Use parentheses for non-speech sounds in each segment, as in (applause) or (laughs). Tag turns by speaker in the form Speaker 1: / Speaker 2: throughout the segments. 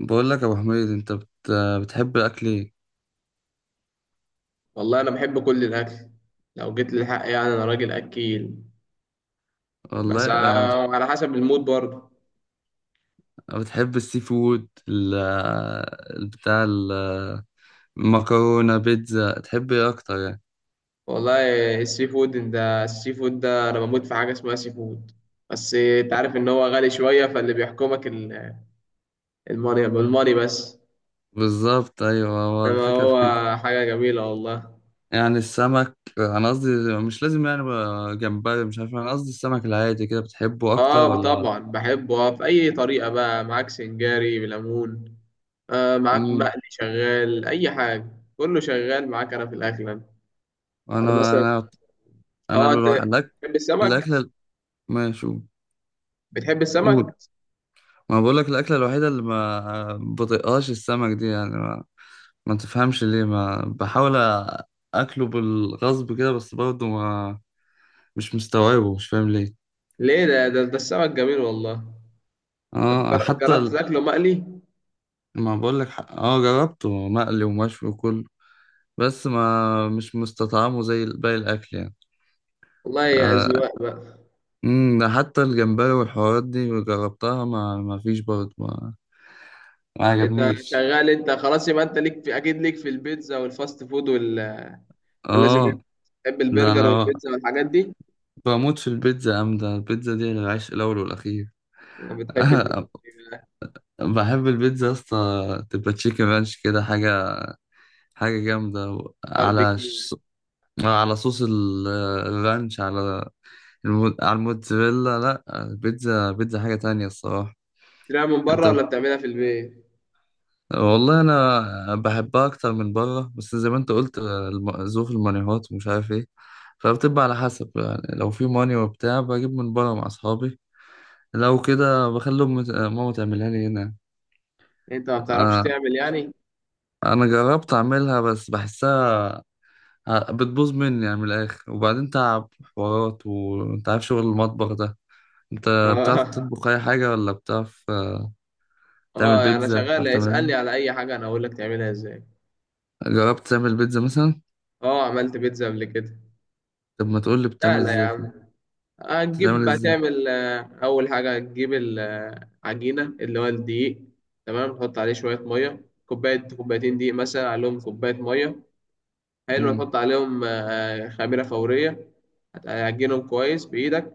Speaker 1: بقول لك يا ابو حميد، بتحب الاكل ايه؟
Speaker 2: والله انا بحب كل الاكل. لو جيت للحق يعني انا راجل اكيل. بس
Speaker 1: والله يعني
Speaker 2: على حسب المود برضه.
Speaker 1: بتحب السي فود بتاع، المكرونه، بيتزا، تحب ايه اكتر يعني؟
Speaker 2: والله السي فود ده انا بموت في حاجه اسمها سي فود. بس انت عارف ان هو غالي شويه فاللي بيحكمك الماني الماني بس.
Speaker 1: بالظبط ايوه، هو
Speaker 2: انما
Speaker 1: الفكره في
Speaker 2: هو
Speaker 1: كده.
Speaker 2: حاجه جميله والله.
Speaker 1: يعني السمك، انا قصدي مش لازم يعني بقى جمبري، مش عارف، انا قصدي السمك العادي كده بتحبه اكتر
Speaker 2: اه
Speaker 1: ولا؟
Speaker 2: طبعا بحبه، في اي طريقه بقى معاك سنجاري بليمون. معاك
Speaker 1: امم
Speaker 2: مقلي شغال اي حاجه. كله شغال معاك انا في الاكل انا. أنا
Speaker 1: انا
Speaker 2: مثلا.
Speaker 1: انا انا
Speaker 2: اه انت
Speaker 1: الواحد، الاكل،
Speaker 2: بتحب السمك.
Speaker 1: الاكله... ماشي قول.
Speaker 2: بتحب السمك؟
Speaker 1: قول. ما بقول لك الاكله الوحيده اللي ما بطيقهاش السمك دي يعني، ما تفهمش ليه، ما بحاول اكله بالغصب كده، بس برضه ما، مش مستوعبه، مش فاهم ليه.
Speaker 2: ليه ده السمك جميل والله. طب
Speaker 1: اه،
Speaker 2: جر-
Speaker 1: حتى
Speaker 2: جربت تاكله مقلي؟
Speaker 1: ما بقول لك، اه جربته مقلي ومشوي وكله، بس ما مش مستطعمه زي باقي الاكل يعني.
Speaker 2: والله يا
Speaker 1: آه.
Speaker 2: أذواق بقى.
Speaker 1: ده حتى الجمبري والحوارات دي جربتها، ما فيش برضه، ما
Speaker 2: انت
Speaker 1: عجبنيش.
Speaker 2: شغال انت خلاص، يبقى انت ليك في اكيد ليك في البيتزا والفاست فود وال، ولا لازم
Speaker 1: اه،
Speaker 2: إيه؟ بتحب
Speaker 1: ده
Speaker 2: البرجر
Speaker 1: انا
Speaker 2: والبيتزا والحاجات دي؟
Speaker 1: بموت في البيتزا يا عم، ده البيتزا دي العيش الاول والاخير.
Speaker 2: بتحب البيتزا
Speaker 1: (laughs)
Speaker 2: بقى،
Speaker 1: بحب البيتزا يا اسطى، تبقى تشيكن رانش كده، حاجة حاجة جامدة، على
Speaker 2: باربيكيو.
Speaker 1: على صوص الرانش، على على الموتزاريلا، لا البيتزا بيتزا حاجة تانية الصراحة.
Speaker 2: بتشتريها من
Speaker 1: انت
Speaker 2: بره ولا
Speaker 1: بت-
Speaker 2: بتعملها في البيت؟
Speaker 1: والله انا بحبها اكتر من بره، بس زي ما انت قلت ظروف المانيهات ومش عارف ايه، فبتبقى على حسب يعني، لو في ماني وبتاع بجيب من بره مع اصحابي، لو كده بخلي ماما تعملها لي هنا.
Speaker 2: انت ما بتعرفش
Speaker 1: آه،
Speaker 2: تعمل يعني؟
Speaker 1: انا جربت اعملها بس بحسها، بتبوظ مني يعني من الآخر، وبعدين تعب حوارات، وأنت عارف شغل المطبخ ده. أنت بتعرف
Speaker 2: (laughs)
Speaker 1: تطبخ أي حاجة ولا بتعرف؟ تعمل
Speaker 2: اه اه، يعني انا
Speaker 1: بيتزا،
Speaker 2: شغال،
Speaker 1: بتعرف تعمل حاجة،
Speaker 2: اسألني على اي حاجة انا اقول لك تعملها ازاي.
Speaker 1: جربت تعمل بيتزا مثلا؟
Speaker 2: اه عملت بيتزا قبل كده.
Speaker 1: طب ما تقول لي
Speaker 2: لا
Speaker 1: بتعمل
Speaker 2: لا يا
Speaker 1: إزاي كده،
Speaker 2: عم.
Speaker 1: بتعمل
Speaker 2: هتجيب
Speaker 1: إزاي؟
Speaker 2: هتعمل آه، أول حاجة هتجيب العجينة اللي هو الدقيق. تمام، تحط عليه شوية مية، كوباية كوبايتين دقيق مثلا عليهم كوباية مية. حلو،
Speaker 1: امم
Speaker 2: تحط عليهم خميرة فورية. هتعجنهم كويس بإيدك.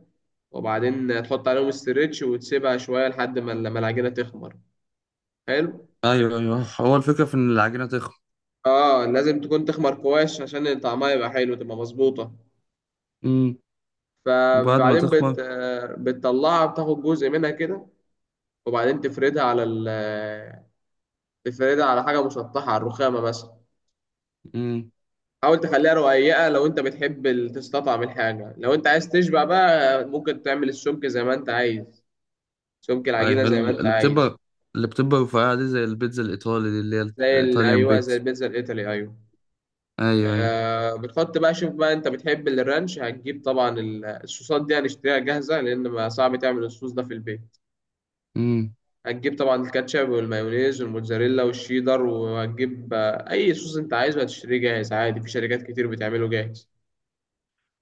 Speaker 2: وبعدين تحط عليهم استريتش وتسيبها شوية لحد ما العجينة تخمر. حلو.
Speaker 1: أيوه أيوه، هو الفكرة في إن العجينة تخمر.
Speaker 2: اه لازم تكون تخمر كويس عشان طعمها يبقى حلو تبقى مظبوطة.
Speaker 1: امم وبعد ما
Speaker 2: فبعدين
Speaker 1: تخمر.
Speaker 2: بت... آه، بتطلعها، بتاخد جزء منها كده. وبعدين تفردها على ال آه، تفردها على حاجة مسطحة، على الرخامة مثلا.
Speaker 1: امم
Speaker 2: حاول تخليها رقيقة لو أنت بتحب تستطعم الحاجة. لو أنت عايز تشبع بقى ممكن تعمل السمك زي ما أنت عايز. سمك العجينة
Speaker 1: أيوه
Speaker 2: زي ما أنت
Speaker 1: اللي
Speaker 2: عايز.
Speaker 1: بتبقى، اللي بتبقى رفيعة دي زي البيتزا الإيطالي دي اللي هي الإيطاليان
Speaker 2: أيوه، زي
Speaker 1: بيتزا.
Speaker 2: البيتزا الإيطالي أيوه.
Speaker 1: أيوه أيوه.
Speaker 2: آه بتحط بقى، شوف بقى، أنت بتحب الرانش، هتجيب طبعا الصوصات دي هنشتريها جاهزة، لأن ما صعب تعمل الصوص ده في البيت.
Speaker 1: امم
Speaker 2: هتجيب طبعا الكاتشب والمايونيز والموتزاريلا والشيدر، وهتجيب أي صوص أنت عايزه هتشتريه جاهز عادي. في شركات كتير بتعمله جاهز.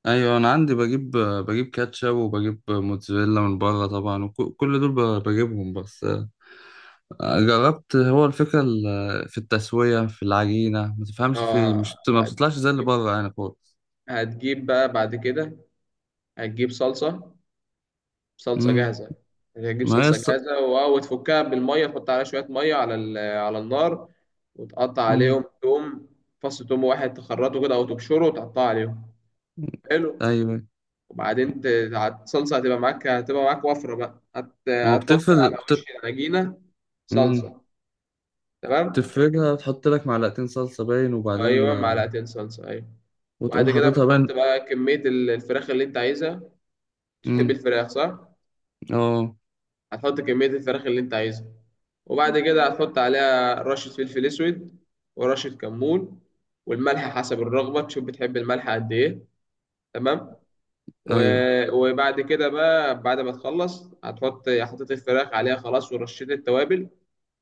Speaker 1: ايوه انا عندي بجيب كاتشب، وبجيب موتزاريلا من بره طبعا، وكل دول بجيبهم، بس جربت، هو الفكره في التسويه في العجينه، ما تفهمش في إيه،
Speaker 2: اه
Speaker 1: مش ما بتطلعش زي اللي
Speaker 2: هتجيب
Speaker 1: بره يعني خالص.
Speaker 2: هتجيب بقى بعد كده. هتجيب صلصة، صلصة
Speaker 1: امم
Speaker 2: جاهزة. هتجيب
Speaker 1: ما هي
Speaker 2: صلصة جاهزة و- وتفكها بالمية. تحط عليها شوية مية على على النار. وتقطع
Speaker 1: امم
Speaker 2: عليهم توم. فص توم واحد تخرطه كده أو تبشره وتقطعه عليهم. حلو.
Speaker 1: ايوه،
Speaker 2: وبعدين الصلصة هتبقى معاك، هتبقى معاك وفرة بقى، هت...
Speaker 1: ما هو
Speaker 2: هتحط
Speaker 1: بتفرد
Speaker 2: على وش العجينة.
Speaker 1: امم
Speaker 2: صلصة. تمام.
Speaker 1: تفردها، تحط لك معلقتين صلصه باين، وبعدين
Speaker 2: أيوة، معلقتين صلصة أيوة.
Speaker 1: وتقوم
Speaker 2: وبعد كده
Speaker 1: حاططها
Speaker 2: بتحط
Speaker 1: باين.
Speaker 2: بقى كمية الفراخ اللي أنت عايزها. تحب
Speaker 1: امم
Speaker 2: الفراخ صح؟
Speaker 1: اه
Speaker 2: هتحط كمية الفراخ اللي انت عايزها. وبعد كده هتحط عليها رشة فلفل اسود ورشة كمون، والملح حسب الرغبة. تشوف بتحب الملح قد ايه. تمام.
Speaker 1: ايوه.
Speaker 2: و- وبعد كده بقى، بعد ما تخلص هتحط، حطيت الفراخ عليها خلاص ورشيت التوابل.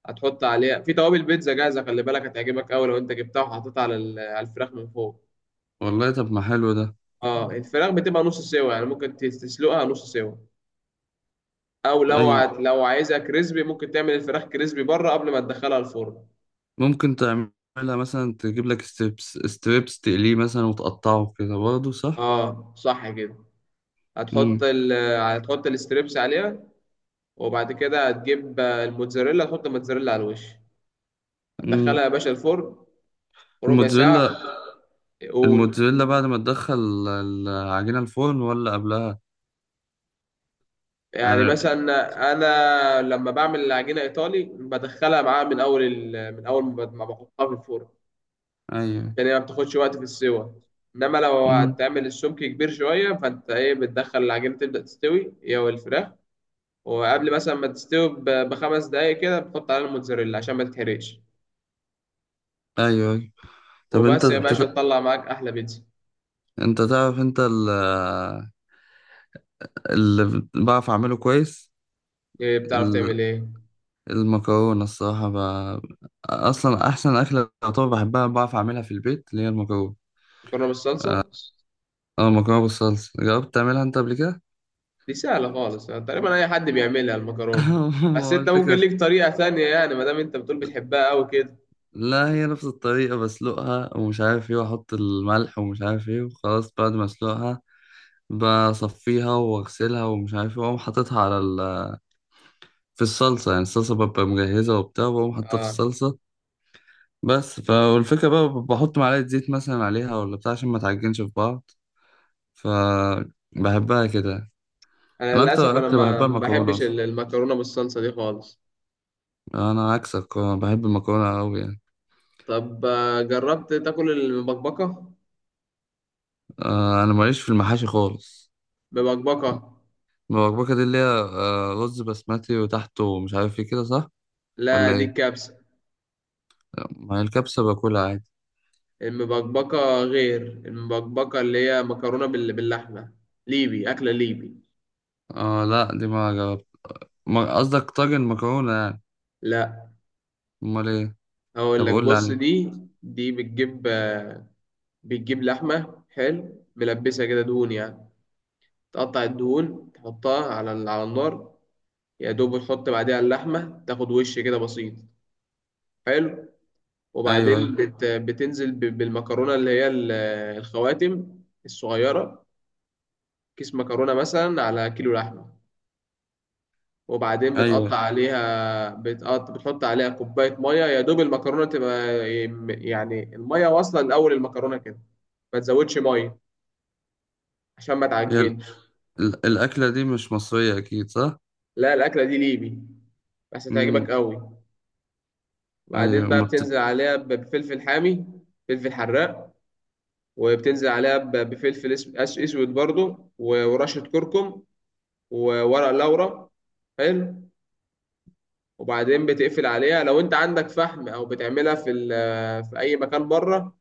Speaker 2: هتحط عليها في توابل بيتزا جاهزة، خلي بالك هتعجبك قوي لو انت جبتها وحطيتها على على الفراخ من فوق.
Speaker 1: والله طب ما حلو ده.
Speaker 2: اه الفراخ بتبقى نص سوا، يعني ممكن تسلقها نص سوا. او لو
Speaker 1: ايوه،
Speaker 2: لو عايزها كريسبي ممكن تعمل الفراخ كريسبي بره قبل ما تدخلها الفرن.
Speaker 1: ممكن تعملها مثلا، تجيب لك ستريبس ستريبس تقليه مثلا وتقطعه كده برضه، صح.
Speaker 2: اه صح كده. هتحط
Speaker 1: امم
Speaker 2: ال هتحط الستريبس عليها. وبعد كده هتجيب الموتزاريلا، تحط الموتزاريلا على الوش.
Speaker 1: امم
Speaker 2: هتدخلها يا باشا الفرن ربع ساعة.
Speaker 1: الموتزاريلا
Speaker 2: قول.
Speaker 1: الموتزاريلا بعد ما تدخل العجينة الفرن ولا قبلها؟
Speaker 2: يعني
Speaker 1: يعني
Speaker 2: مثلا انا لما بعمل العجينة ايطالي بدخلها معاها من اول ما بحطها في الفرن،
Speaker 1: ايوه.
Speaker 2: عشان هي ما بتاخدش وقت في السوا. انما لو
Speaker 1: امم
Speaker 2: هتعمل السمك كبير شوية فانت ايه، بتدخل العجينة تبدأ تستوي هي والفراخ. وقبل مثلا ما تستوي ب- بخمس دقايق كده بتحط عليها الموتزاريلا عشان ما تتحرقش.
Speaker 1: ايوه ايوه. طب
Speaker 2: وبس يا باشا، تطلع معاك احلى بيتزا.
Speaker 1: انت تعرف، اللي بعرف اعمله كويس
Speaker 2: إيه بتعرف تعمل
Speaker 1: ال-
Speaker 2: ايه.
Speaker 1: المكرونة الصراحة، اصلا احسن اكلة طبعا بحبها، بعرف اعملها في البيت، اللي هي المكرونة.
Speaker 2: مكرونه بالصلصه.
Speaker 1: اه المكرونة بالصلصة، جربت تعملها انت قبل كده؟
Speaker 2: دي سهله خالص، يعني تقريبا اي حد بيعملها المكرونه.
Speaker 1: (laughs)
Speaker 2: بس
Speaker 1: هو
Speaker 2: انت ممكن
Speaker 1: الفكرة
Speaker 2: ليك طريقه ثانيه، يعني ما دام انت بتقول بتحبها قوي كده.
Speaker 1: لا، هي نفس الطريقة، بسلقها ومش عارف ايه، واحط الملح ومش عارف ايه، وخلاص بعد ما اسلقها بصفيها واغسلها ومش عارف ايه، واقوم حاططها على في الصلصة يعني. الصلصة ببقى مجهزة وبتاع، وبقوم حاطها في
Speaker 2: اه
Speaker 1: الصلصة. بس فالفكرة بقى بحط معلقة زيت مثلا عليها ولا بتاع، عشان ما تعجنش في بعض، فبحبها كده.
Speaker 2: انا
Speaker 1: انا
Speaker 2: للاسف
Speaker 1: اكتر
Speaker 2: انا
Speaker 1: اكل
Speaker 2: ما
Speaker 1: بحبها
Speaker 2: ما
Speaker 1: المكرونة
Speaker 2: بحبش
Speaker 1: اصلا،
Speaker 2: المكرونه بالصلصه دي خالص.
Speaker 1: انا عكسك، بحب المكرونة قوي يعني.
Speaker 2: طب جربت تاكل المبكبكه.
Speaker 1: انا ماليش في المحاشي خالص.
Speaker 2: مبكبكه.
Speaker 1: المبكبكة دي اللي هي رز بسمتي وتحته مش عارف ايه كده، صح
Speaker 2: لا
Speaker 1: ولا
Speaker 2: دي
Speaker 1: ايه؟
Speaker 2: كبسه.
Speaker 1: ما هي الكبسة باكلها عادي.
Speaker 2: المبكبكه، غير المبكبكه اللي هي مكرونه بال- باللحمه. ليبي، اكله ليبي.
Speaker 1: اه لا دي ما جربت. قصدك طاجن مكرونة يعني؟
Speaker 2: لا،
Speaker 1: امال ايه؟
Speaker 2: اقول
Speaker 1: طب
Speaker 2: لك
Speaker 1: قول لي
Speaker 2: بص
Speaker 1: عليه.
Speaker 2: دي. دي بتجيب لحمه حلو ملبسها كده دهون يعني. تقطع الدهون تحطها على على النار. يا دوب تحط بعديها اللحمه تاخد وش كده بسيط. حلو.
Speaker 1: ايوه ايوه
Speaker 2: وبعدين بتنزل ب- بالمكرونه اللي هي الخواتم الصغيره. كيس مكرونه مثلا على كيلو لحمه. وبعدين
Speaker 1: ايوه،
Speaker 2: بتقطع عليها، بتحط عليها كوبايه ميه يا دوب المكرونه تبقى. يعني الميه واصله لاول المكرونه كده. ما تزودش ميه عشان ما
Speaker 1: هي
Speaker 2: تعجنش.
Speaker 1: الاكلة دي مش مصرية اكيد، صح؟
Speaker 2: لا الأكلة دي ليبي بس
Speaker 1: امم
Speaker 2: هتعجبك قوي. وبعدين
Speaker 1: ايوه
Speaker 2: بقى
Speaker 1: ما
Speaker 2: بتنزل عليها ب- بفلفل حامي، فلفل حراق. وبتنزل عليها ب- بفلفل اسود برضو، و- ورشة كركم، وورق لورا. حلو. وبعدين بتقفل عليها لو انت عندك فحم او بتعملها في في اي مكان بره.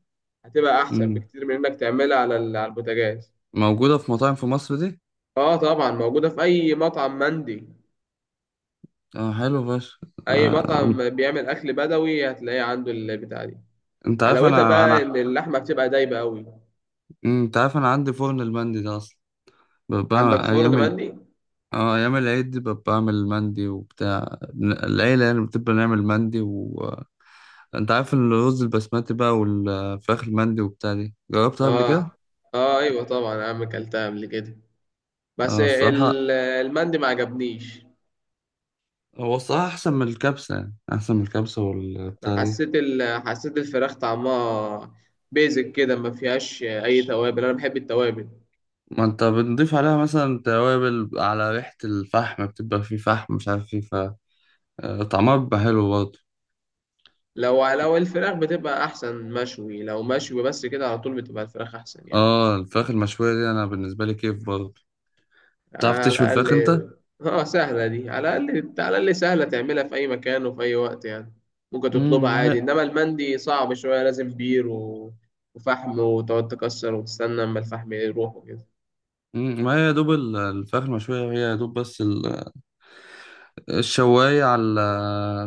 Speaker 2: هتبقى احسن
Speaker 1: مم.
Speaker 2: بكتير من انك تعملها على على البوتاجاز.
Speaker 1: موجودة في مطاعم في مصر دي؟
Speaker 2: اه طبعا موجودة في اي مطعم مندي.
Speaker 1: اه حلو فشخ.
Speaker 2: اي
Speaker 1: آه.
Speaker 2: مطعم بيعمل اكل بدوي هتلاقيه عنده البتاع دي.
Speaker 1: انت عارف
Speaker 2: حلاوتها
Speaker 1: انا
Speaker 2: بقى
Speaker 1: انا،
Speaker 2: ان اللحمه بتبقى دايبه قوي.
Speaker 1: مم، انت عارف انا عندي فرن المندي ده اصلا،
Speaker 2: عندك
Speaker 1: بقى
Speaker 2: فرن
Speaker 1: ايام،
Speaker 2: مندي.
Speaker 1: اه ايام العيد دي ببقى بعمل مندي وبتاع، العيله يعني بتبقى نعمل مندي، و انت عارف الرز البسمتي بقى والفراخ المندي وبتاع دي، جربتها قبل
Speaker 2: اه
Speaker 1: كده.
Speaker 2: اه ايوه طبعا يا عم، اكلتها قبل كده. بس
Speaker 1: اه الصراحه،
Speaker 2: المندي ما عجبنيش.
Speaker 1: هو الصراحه احسن من الكبسه يعني، احسن من الكبسه
Speaker 2: انا
Speaker 1: والبتاع دي.
Speaker 2: حسيت الفراخ طعمها بيزك كده، ما فيهاش اي توابل. انا بحب التوابل.
Speaker 1: ما انت بنضيف عليها مثلا توابل، على ريحه الفحم بتبقى فيه فحم، مش عارف فيه ف، طعمها بيبقى حلو برضه.
Speaker 2: لو الفراخ بتبقى احسن مشوي. لو مشوي بس كده على طول بتبقى الفراخ احسن يعني.
Speaker 1: اه الفراخ المشويه دي انا بالنسبه لي كيف برضه. بتعرف
Speaker 2: على
Speaker 1: تشوي
Speaker 2: الأقل.
Speaker 1: الفراخ انت؟
Speaker 2: اه سهلة دي، على الأقل، على الأقل سهلة تعملها في أي مكان وفي أي وقت يعني. ممكن تطلبها
Speaker 1: ما
Speaker 2: عادي،
Speaker 1: هي،
Speaker 2: إنما المندي صعب شوية، لازم بير و... وفحم، وتقعد تكسر وتستنى أما الفحم يروح وكده.
Speaker 1: مم، ما هي يا دوب الفراخ المشوية، هي يا دوب بس الشواية، على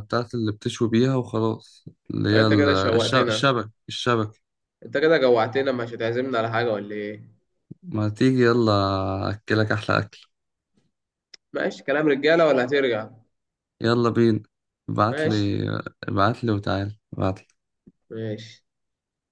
Speaker 1: بتاعت اللي بتشوي بيها وخلاص، اللي هي
Speaker 2: فأنت كده شوقتنا.
Speaker 1: الشبك، الشبك.
Speaker 2: أنت كده جوعتنا، مش هتعزمنا على حاجة ولا إيه؟
Speaker 1: ما تيجي يلا، أكلك أحلى أكل.
Speaker 2: ماشي، كلام رجالة ولا هترجع؟
Speaker 1: يلا بينا، ابعتلي،
Speaker 2: ماشي.
Speaker 1: ابعتلي وتعالى، ابعتلي.
Speaker 2: ماشي.